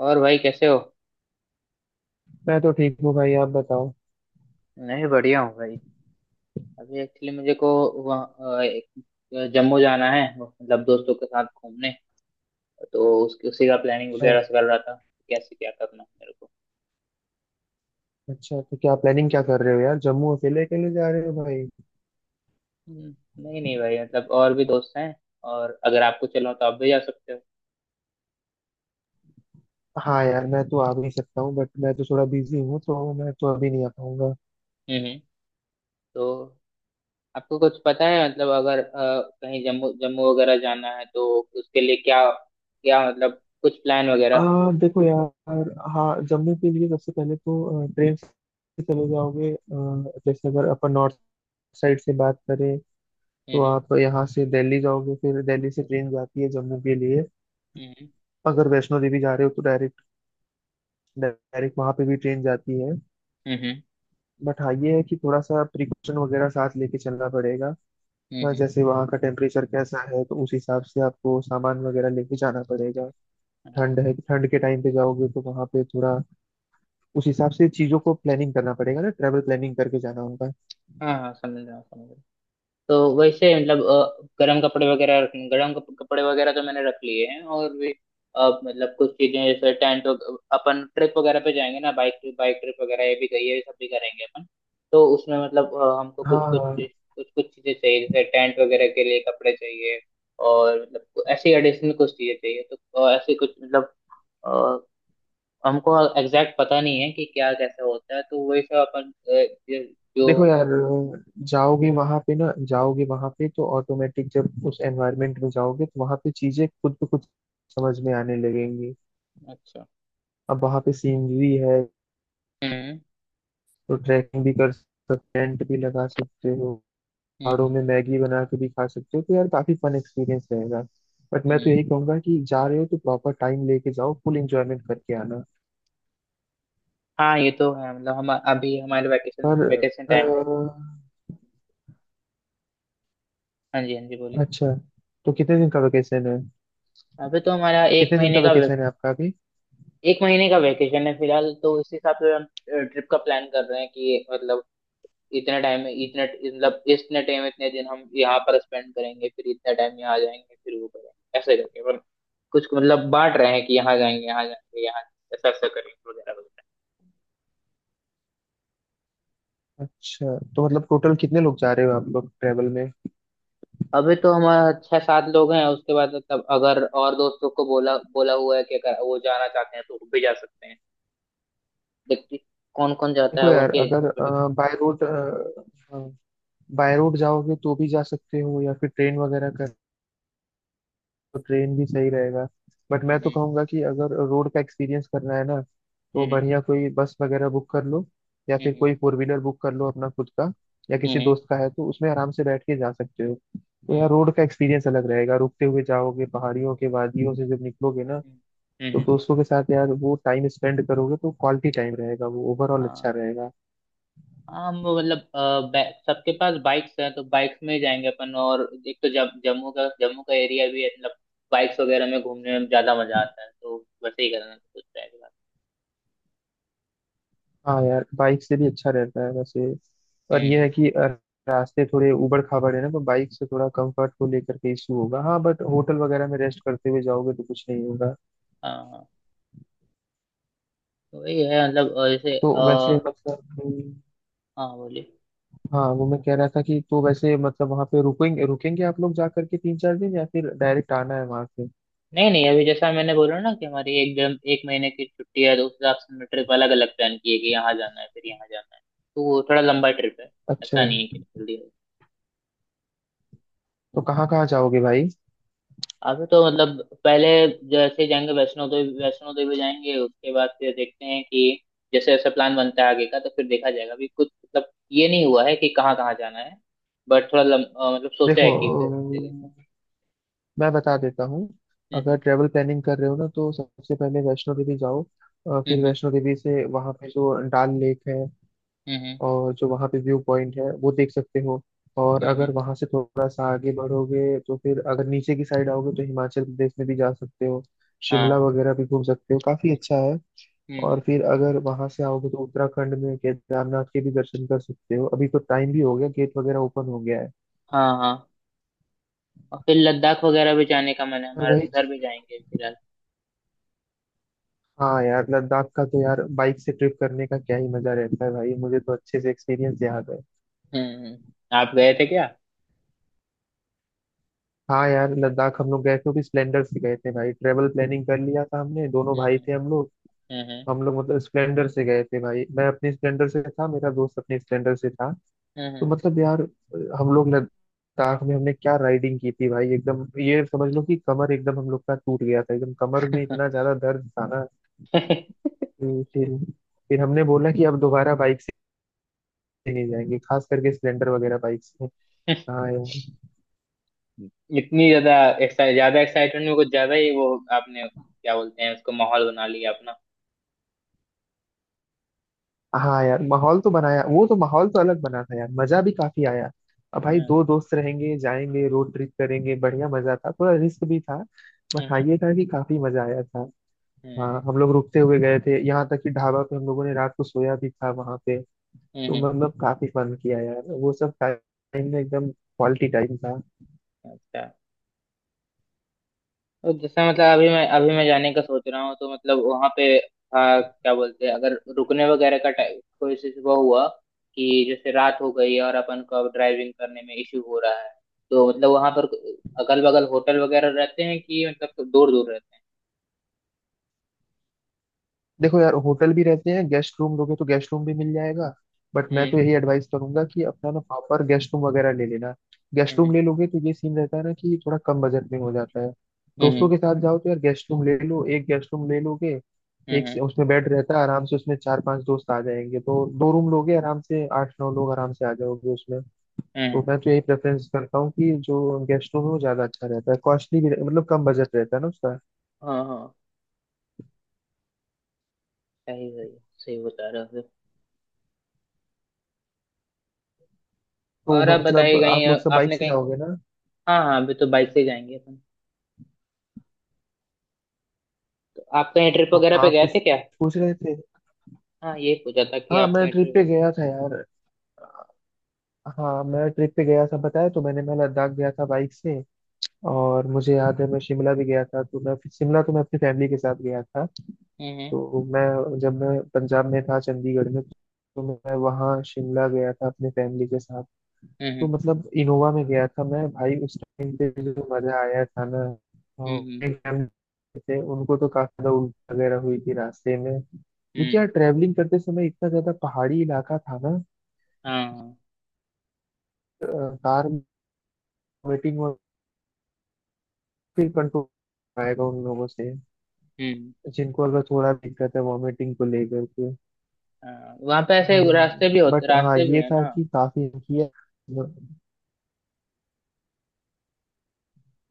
और भाई कैसे हो? मैं तो ठीक हूँ भाई। आप बताओ। नहीं, बढ़िया हूँ भाई। अभी एक्चुअली मुझे को वहाँ जम्मू जाना है मतलब दोस्तों के साथ घूमने। तो उसकी उसी का प्लानिंग अच्छा, वगैरह से कर रहा था। कैसे क्या करना है मेरे को? अच्छा तो क्या प्लानिंग क्या कर रहे हो यार? जम्मू अकेले अकेले जा रहे हो भाई? हम्म। नहीं नहीं भाई, मतलब और भी दोस्त हैं। और अगर आपको चलो तो आप भी जा सकते हो। हाँ यार, मैं तो आ भी सकता हूँ बट मैं तो थोड़ा बिजी हूँ, तो मैं तो अभी नहीं आ पाऊंगा। हम्म। तो आपको कुछ पता है मतलब अगर कहीं जम्मू जम्मू वगैरह जाना है तो उसके लिए क्या क्या मतलब कुछ प्लान वगैरह? देखो यार, हाँ जम्मू के लिए सबसे पहले तो ट्रेन से चले जाओगे। जैसे अगर अपन नॉर्थ साइड से बात करें तो हम्म। आप यहाँ से दिल्ली जाओगे, फिर दिल्ली से ट्रेन जाती है जम्मू के लिए। हम्म। अगर वैष्णो देवी जा रहे हो तो डायरेक्ट डायरेक्ट वहाँ पे भी ट्रेन जाती है। हम्म। बट हाँ, ये है कि थोड़ा सा प्रिकॉशन वगैरह साथ लेके चलना पड़ेगा। हम्म। हाँ, हम्म। जैसे वहाँ का टेम्परेचर कैसा है तो उस हिसाब से आपको सामान वगैरह लेके जाना पड़ेगा। हाँ ठंड है, ठंड के टाइम पे जाओगे तो वहाँ पे थोड़ा उस हिसाब से चीज़ों को प्लानिंग करना पड़ेगा ना, ट्रैवल प्लानिंग करके जाना होगा। हाँ, हाँ समझ रहा हूँ, समझ रहा हूँ। तो वैसे मतलब गर्म कपड़े वगैरह तो मैंने रख लिए हैं, और भी। मतलब कुछ चीजें जैसे टेंट। अपन ट्रिप वगैरह पे जाएंगे ना, बाइक ट्रिप वगैरह ये भी गई है, ये सब भी करेंगे अपन। तो उसमें मतलब हमको हाँ कुछ कुछ हाँ। कुछ कुछ चीजें चाहिए, जैसे टेंट वगैरह के लिए कपड़े चाहिए। और मतलब ऐसी एडिशनल कुछ चीजें चाहिए तो। ऐसे कुछ मतलब। अ, हमको एग्जैक्ट पता नहीं है कि क्या कैसा होता है, तो वही सब अपन अ, जो। देखो यार, जाओगे वहाँ पे ना, जाओगे वहाँ पे तो ऑटोमेटिक जब उस एनवायरनमेंट में जाओगे तो वहाँ पे चीज़ें खुद ब खुद समझ में आने लगेंगी। अच्छा। अब वहाँ पे सीनरी है, हम्म। तो ट्रैकिंग भी कर सकते, टेंट भी लगा सकते हो। पहाड़ों हम्म। में मैगी बना के भी खा सकते हो, तो यार काफी फन एक्सपीरियंस रहेगा। बट मैं तो हम्म। यही कहूंगा कि जा रहे हो तो प्रॉपर टाइम लेके जाओ, फुल एंजॉयमेंट करके आना। हाँ, ये तो है, मतलब हम अभी हमारे वेकेशन पर वेकेशन अ, टाइम है। हाँ जी, हाँ जी, बोलिए। अच्छा, तो कितने दिन का वेकेशन है? अभी तो हमारा एक कितने दिन का महीने का वे, वेकेशन है आपका अभी? एक महीने का वेकेशन है फिलहाल, तो इस हिसाब से हम ट्रिप का प्लान कर रहे हैं कि मतलब इतने टाइम में इतने, मतलब इतने टाइम इतने दिन हम यहाँ पर स्पेंड करेंगे, फिर इतना टाइम यहाँ जाएंगे, फिर वो करेंगे ऐसे करके मतलब कुछ मतलब बांट रहे हैं कि यहाँ जाएंगे, यहाँ जाएंगे, यहाँ जाएंगे, ऐसा ऐसा करेंगे वगैरह वगैरह। अच्छा, तो मतलब टोटल कितने लोग जा रहे हो आप लोग ट्रेवल में? अभी तो हमारा छह सात लोग हैं, उसके बाद मतलब अगर और दोस्तों को बोला बोला हुआ है कि अगर वो जाना चाहते हैं तो वो भी जा सकते हैं। व्यक्ति कौन कौन जाता देखो है यार, उनके अगर पर depend. By road by road जाओगे तो भी जा सकते हो, या फिर ट्रेन वगैरह कर तो ट्रेन भी सही रहेगा। बट मैं तो हम्म। कहूंगा कि अगर रोड का एक्सपीरियंस करना है ना, तो हम्म। बढ़िया कोई बस वगैरह बुक कर लो, या फिर हम्म। कोई फोर व्हीलर बुक कर लो अपना खुद का, या किसी हम्म। दोस्त का है तो उसमें आराम से बैठ के जा सकते हो। तो यार हम्म। रोड का एक्सपीरियंस अलग रहेगा, रुकते हुए जाओगे, पहाड़ियों के वादियों से जब निकलोगे ना, हम्म। तो हम्म। दोस्तों के साथ यार वो टाइम स्पेंड करोगे तो क्वालिटी टाइम रहेगा, वो ओवरऑल अच्छा हाँ रहेगा। हाँ, हम मतलब सबके पास बाइक्स हैं तो बाइक्स में ही जाएंगे अपन। और एक तो जम्मू का एरिया भी है मतलब बाइक्स वगैरह में घूमने में ज्यादा मजा आता है, तो वैसे ही करना कुछ रहेगा। हाँ यार, बाइक से भी अच्छा रहता है वैसे। पर यह है हम्म। कि रास्ते थोड़े उबड़ खाबड़ है ना, तो बाइक से थोड़ा कंफर्ट को लेकर के इशू होगा। हाँ बट होटल वगैरह में रेस्ट करते हुए जाओगे तो कुछ नहीं होगा। हाँ हाँ, तो वही है मतलब जैसे तो वैसे मतलब कि- हाँ बोलिए। हाँ, वो मैं कह रहा था कि तो वैसे मतलब वहाँ पे रुकेंगे रुकेंगे आप लोग जा करके 3-4 दिन, या फिर डायरेक्ट आना है वहाँ से? नहीं नहीं, अभी जैसा मैंने बोला ना कि हमारी एक महीने की छुट्टी है, तो उस हिसाब से हमने ट्रिप अलग अलग प्लान की है कि यहाँ जाना है फिर यहाँ जाना है। तो वो थोड़ा लंबा ट्रिप है। अच्छा, ऐसा नहीं है कि जल्दी है। तो कहाँ कहाँ जाओगे भाई? अभी तो मतलब पहले जैसे जाएंगे, वैष्णो देवी जाएंगे उसके बाद, फिर देखते हैं कि जैसे जैसे प्लान बनता है आगे का, तो फिर देखा जाएगा। अभी कुछ मतलब ये नहीं हुआ है कि कहाँ कहाँ जाना है। बट थोड़ा मतलब सोचा देखो, है कि फिर जगह। मैं बता देता हूँ। अगर हम्म। ट्रेवल प्लानिंग कर रहे हो ना, तो सबसे पहले वैष्णो देवी जाओ। फिर हम्म। वैष्णो देवी से वहाँ पे जो डाल लेक है हम्म। हम्म। और जो वहाँ पे व्यू पॉइंट है वो देख सकते हो। और हम्म। हम्म। अगर वहाँ से थोड़ा सा आगे बढ़ोगे तो फिर अगर नीचे की साइड आओगे तो हिमाचल प्रदेश में भी जा सकते हो, शिमला हाँ, वगैरह भी घूम सकते हो, काफी अच्छा है। और हम्म। फिर अगर वहाँ से आओगे तो उत्तराखंड में केदारनाथ के भी दर्शन कर सकते हो। अभी तो टाइम भी हो गया, गेट वगैरह ओपन हो गया है। हाँ हाँ। और फिर लद्दाख वगैरह भी जाने का मन है और हमारा, तो वही। उधर भी जाएंगे फिलहाल। हाँ यार, लद्दाख का तो यार बाइक से ट्रिप करने का क्या ही मजा रहता है भाई, मुझे तो अच्छे से एक्सपीरियंस याद है। हम्म। हम्म। आप गए थे क्या? हाँ यार, लद्दाख हम लोग गए थे, वो भी स्प्लेंडर से गए थे भाई। ट्रेवल प्लानिंग कर लिया था हमने, दोनों भाई हम्म। थे हम लोग। हम्म। हम लोग मतलब स्प्लेंडर से गए थे भाई। मैं अपने स्प्लेंडर से था, मेरा दोस्त अपने स्प्लेंडर से था। हम्म। तो हम्म। मतलब यार, हम लोग लद्दाख में हमने क्या राइडिंग की थी भाई, एकदम ये समझ लो कि कमर एकदम हम लोग का टूट गया था, एकदम कमर में इतना ज्यादा दर्द था ना कि फिर हमने बोला कि अब दोबारा बाइक नहीं हम्म। जाएंगे, खास करके स्प्लेंडर वगैरह बाइक से। हाँ यार। इतनी ज्यादा एक्साइट ज्यादा एक्साइटमेंट में कुछ ज्यादा ही वो। आपने क्या बोलते हैं उसको, माहौल बना लिया अपना। हाँ यार, माहौल तो बनाया, वो तो माहौल तो अलग बना था यार, मजा भी काफी आया। अब भाई हम्म। दो दोस्त रहेंगे, जाएंगे, रोड ट्रिप करेंगे, बढ़िया मजा था, थोड़ा रिस्क भी था। बट हाँ, हम्म। ये था कि काफी मजा आया था। हाँ, हम्म। हम लोग रुकते हुए गए थे, यहाँ तक कि ढाबा पे हम लोगों ने रात को सोया भी था वहां पे। हम्म। तो हम्म। मतलब काफी फन किया यार, वो सब टाइम में एकदम क्वालिटी टाइम था। अच्छा। और जैसे मतलब अभी मैं जाने का सोच रहा हूँ, तो मतलब वहां पे, हाँ क्या बोलते हैं, अगर रुकने वगैरह का टाइम कोई इशू वो हुआ कि जैसे रात हो गई है और अपन को अब ड्राइविंग करने में इशू हो रहा है, तो मतलब वहां पर अगल बगल होटल वगैरह रहते हैं, कि मतलब दूर दूर रहते देखो यार, होटल भी रहते हैं, गेस्ट रूम लोगे तो गेस्ट रूम भी मिल जाएगा। बट मैं हैं? तो हम्म। यही एडवाइस करूंगा कि अपना ना प्रॉपर गेस्ट रूम वगैरह ले लेना। गेस्ट रूम हम्म। ले लोगे तो ये सीन रहता है ना कि थोड़ा कम बजट में हो जाता है। दोस्तों हम्म। के साथ जाओ तो यार गेस्ट रूम ले लो, एक गेस्ट रूम ले लोगे, एक हम्म। से उसमें बेड रहता है, आराम से उसमें चार पांच दोस्त आ जाएंगे, तो दो रूम लोगे आराम से आठ नौ लोग आराम से आ जाओगे उसमें। तो हम्म। मैं तो यही प्रेफरेंस करता हूँ कि जो गेस्ट रूम है वो ज्यादा अच्छा रहता है, मतलब कम बजट रहता है ना उसका। हाँ हाँ, सही सही, सही बता रहे हो फिर। तो और आप मतलब बताइए कहीं, आप लोग सब बाइक आपने से कहीं, जाओगे? हाँ हाँ अभी तो बाइक से जाएंगे अपन। तो आप कहीं ट्रिप वगैरह पे हाँ, गए कुछ थे क्या? पूछ रहे थे। हाँ ये पूछा था कि हाँ, आप मैं कहीं ट्रिप पे गया था यार। हाँ, मैं ट्रिप पे गया था, बताया तो मैंने, मैं लद्दाख गया था बाइक से। और मुझे याद है मैं शिमला भी गया था। तो मैं शिमला तो मैं अपनी फैमिली के साथ गया था। ट्रिप। तो मैं जब मैं पंजाब में था, चंडीगढ़ में, तो मैं वहाँ शिमला गया था अपने फैमिली के साथ। तो हम्म। मतलब इनोवा में गया था मैं भाई, उस टाइम पे जो मजा आया था ना। हम्म। हम्म। और एक मैम थे, उनको तो काफी ज्यादा उल्टी वगैरह हुई थी रास्ते में, क्योंकि हम्म। यार ट्रैवलिंग करते समय इतना ज्यादा पहाड़ी इलाका था ना। हाँ। अ, कार वॉमिटिंग, और फिर कंट्रोल आएगा उन लोगों से हम्म। जिनको अगर थोड़ा भी दिक्कत है वॉमिटिंग को लेकर के। हाँ वहाँ पे ऐसे रास्ते भी होते, बट हाँ, रास्ते भी ये है था ना, कि काफी किया।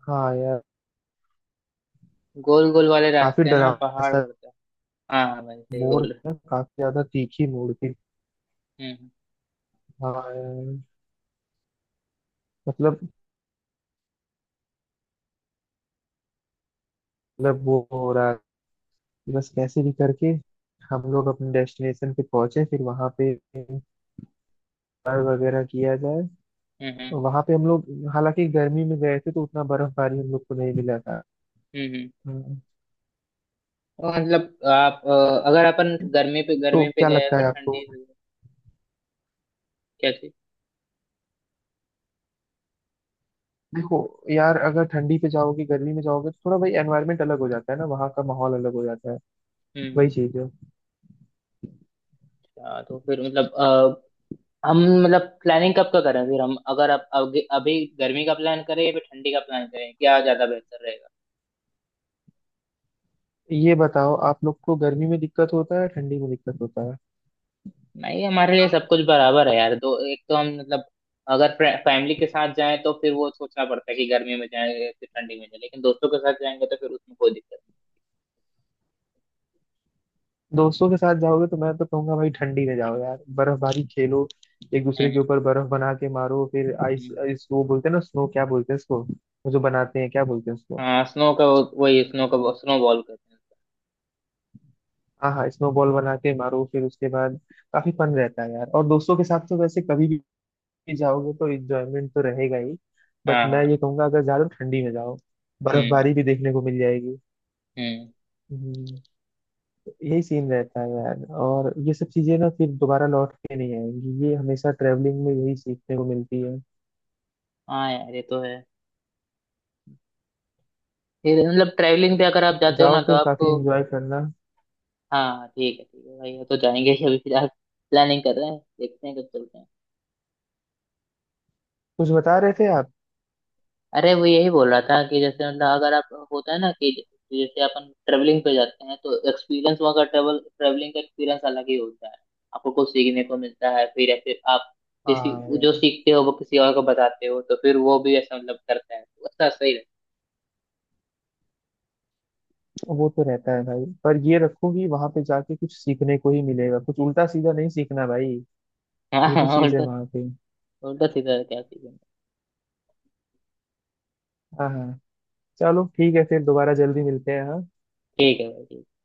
हाँ यार, गोल गोल वाले काफी रास्ते हैं ना डरावना पहाड़ सा पर से। हाँ भाई सही मोड़ बोल था, काफी ज्यादा तीखी मोड़ थी। रहे। हम्म। हाँ यार, मतलब मतलब वो हो रहा कि बस कैसे भी करके हम लोग अपने डेस्टिनेशन पे पहुंचे, फिर वहां पे पार वगैरह किया जाए। हम्म। हम्म। और वहां पे हम लोग, हालांकि गर्मी में गए थे, तो उतना बर्फबारी हम लोग को नहीं मिला था। हम्म। हम्म। तो मतलब आप अगर अपन तो गर्मी पे क्या गए लगता फिर है आपको? ठंडी हुई, क्या चीज? देखो यार, अगर ठंडी पे जाओगे, गर्मी में जाओगे तो थोड़ा भाई एनवायरनमेंट अलग हो जाता है ना, वहाँ का माहौल अलग हो जाता है। वही हम्म। चीज है। अच्छा, तो फिर मतलब हम मतलब प्लानिंग कब का करें फिर, हम अगर अब अभी अभी गर्मी का प्लान करें या फिर ठंडी का प्लान करें, क्या ज्यादा बेहतर रहेगा? ये बताओ, आप लोग को गर्मी में दिक्कत होता है, ठंडी में दिक्कत होता है? नहीं, हमारे लिए सब कुछ बराबर है यार, दो एक तो हम मतलब अगर फैमिली के साथ जाएं तो फिर वो सोचना पड़ता है कि गर्मी में जाएं या फिर ठंडी में जाएं, लेकिन दोस्तों के साथ जाएंगे तो फिर उसमें कोई दिक्कत दोस्तों के साथ जाओगे तो मैं तो कहूंगा भाई, ठंडी में जाओ यार, बर्फबारी खेलो, एक नहीं। दूसरे के हम्म। ऊपर बर्फ बना के मारो। फिर आइस हम्म। आइस वो बोलते हैं ना, स्नो, क्या बोलते हैं इसको, वो जो बनाते हैं क्या बोलते हैं उसको? हाँ स्नो का वही स्नो का स्नो बॉल कहते हैं उसको। हाँ हाँ, स्नो बॉल बना के मारो फिर, उसके बाद काफी फन रहता है यार। और दोस्तों के साथ तो वैसे कभी भी जाओगे तो इंजॉयमेंट तो रहेगा ही। बट हाँ मैं हाँ। ये कहूंगा अगर ज्यादा ठंडी में जाओ हम्म। बर्फबारी भी देखने को मिल जाएगी। हम्म। हम्म, तो यही सीन रहता है यार, और ये सब चीजें ना फिर दोबारा लौट के नहीं आएंगी, ये हमेशा ट्रेवलिंग में यही सीखने को मिलती है। हाँ यार, ये तो है। फिर मतलब ट्रैवलिंग पे अगर आप जाते हो जाओ ना तो फिर, काफी आपको, एंजॉय करना। हाँ ठीक है, ठीक है भाई, वो तो जाएंगे ही, अभी फिलहाल प्लानिंग कर रहे हैं, देखते हैं कब चलते हैं। कुछ बता रहे थे आप? अरे वो यही बोल रहा था कि जैसे मतलब अगर आप होता है ना कि जैसे अपन ट्रेवलिंग पे जाते हैं तो एक्सपीरियंस वहाँ का ट्रेवलिंग का एक्सपीरियंस अलग ही होता है। आपको कुछ सीखने को मिलता है फिर, या फिर आप किसी हाँ जो यार, सीखते हो वो किसी और को बताते हो तो फिर वो भी ऐसा मतलब करता है, तो अच्छा सही वो तो रहता है भाई, पर ये रखो कि वहां पे जाके कुछ सीखने को ही मिलेगा, कुछ उल्टा सीधा नहीं सीखना भाई। रहता ये है। हाँ भी हाँ, चीज है उल्टा, वहां पे। उल्टा सीधा क्या सीखेंगे? हाँ हाँ, चलो ठीक है, फिर दोबारा जल्दी मिलते हैं हाँ। ठीक है भाई, ठीक है।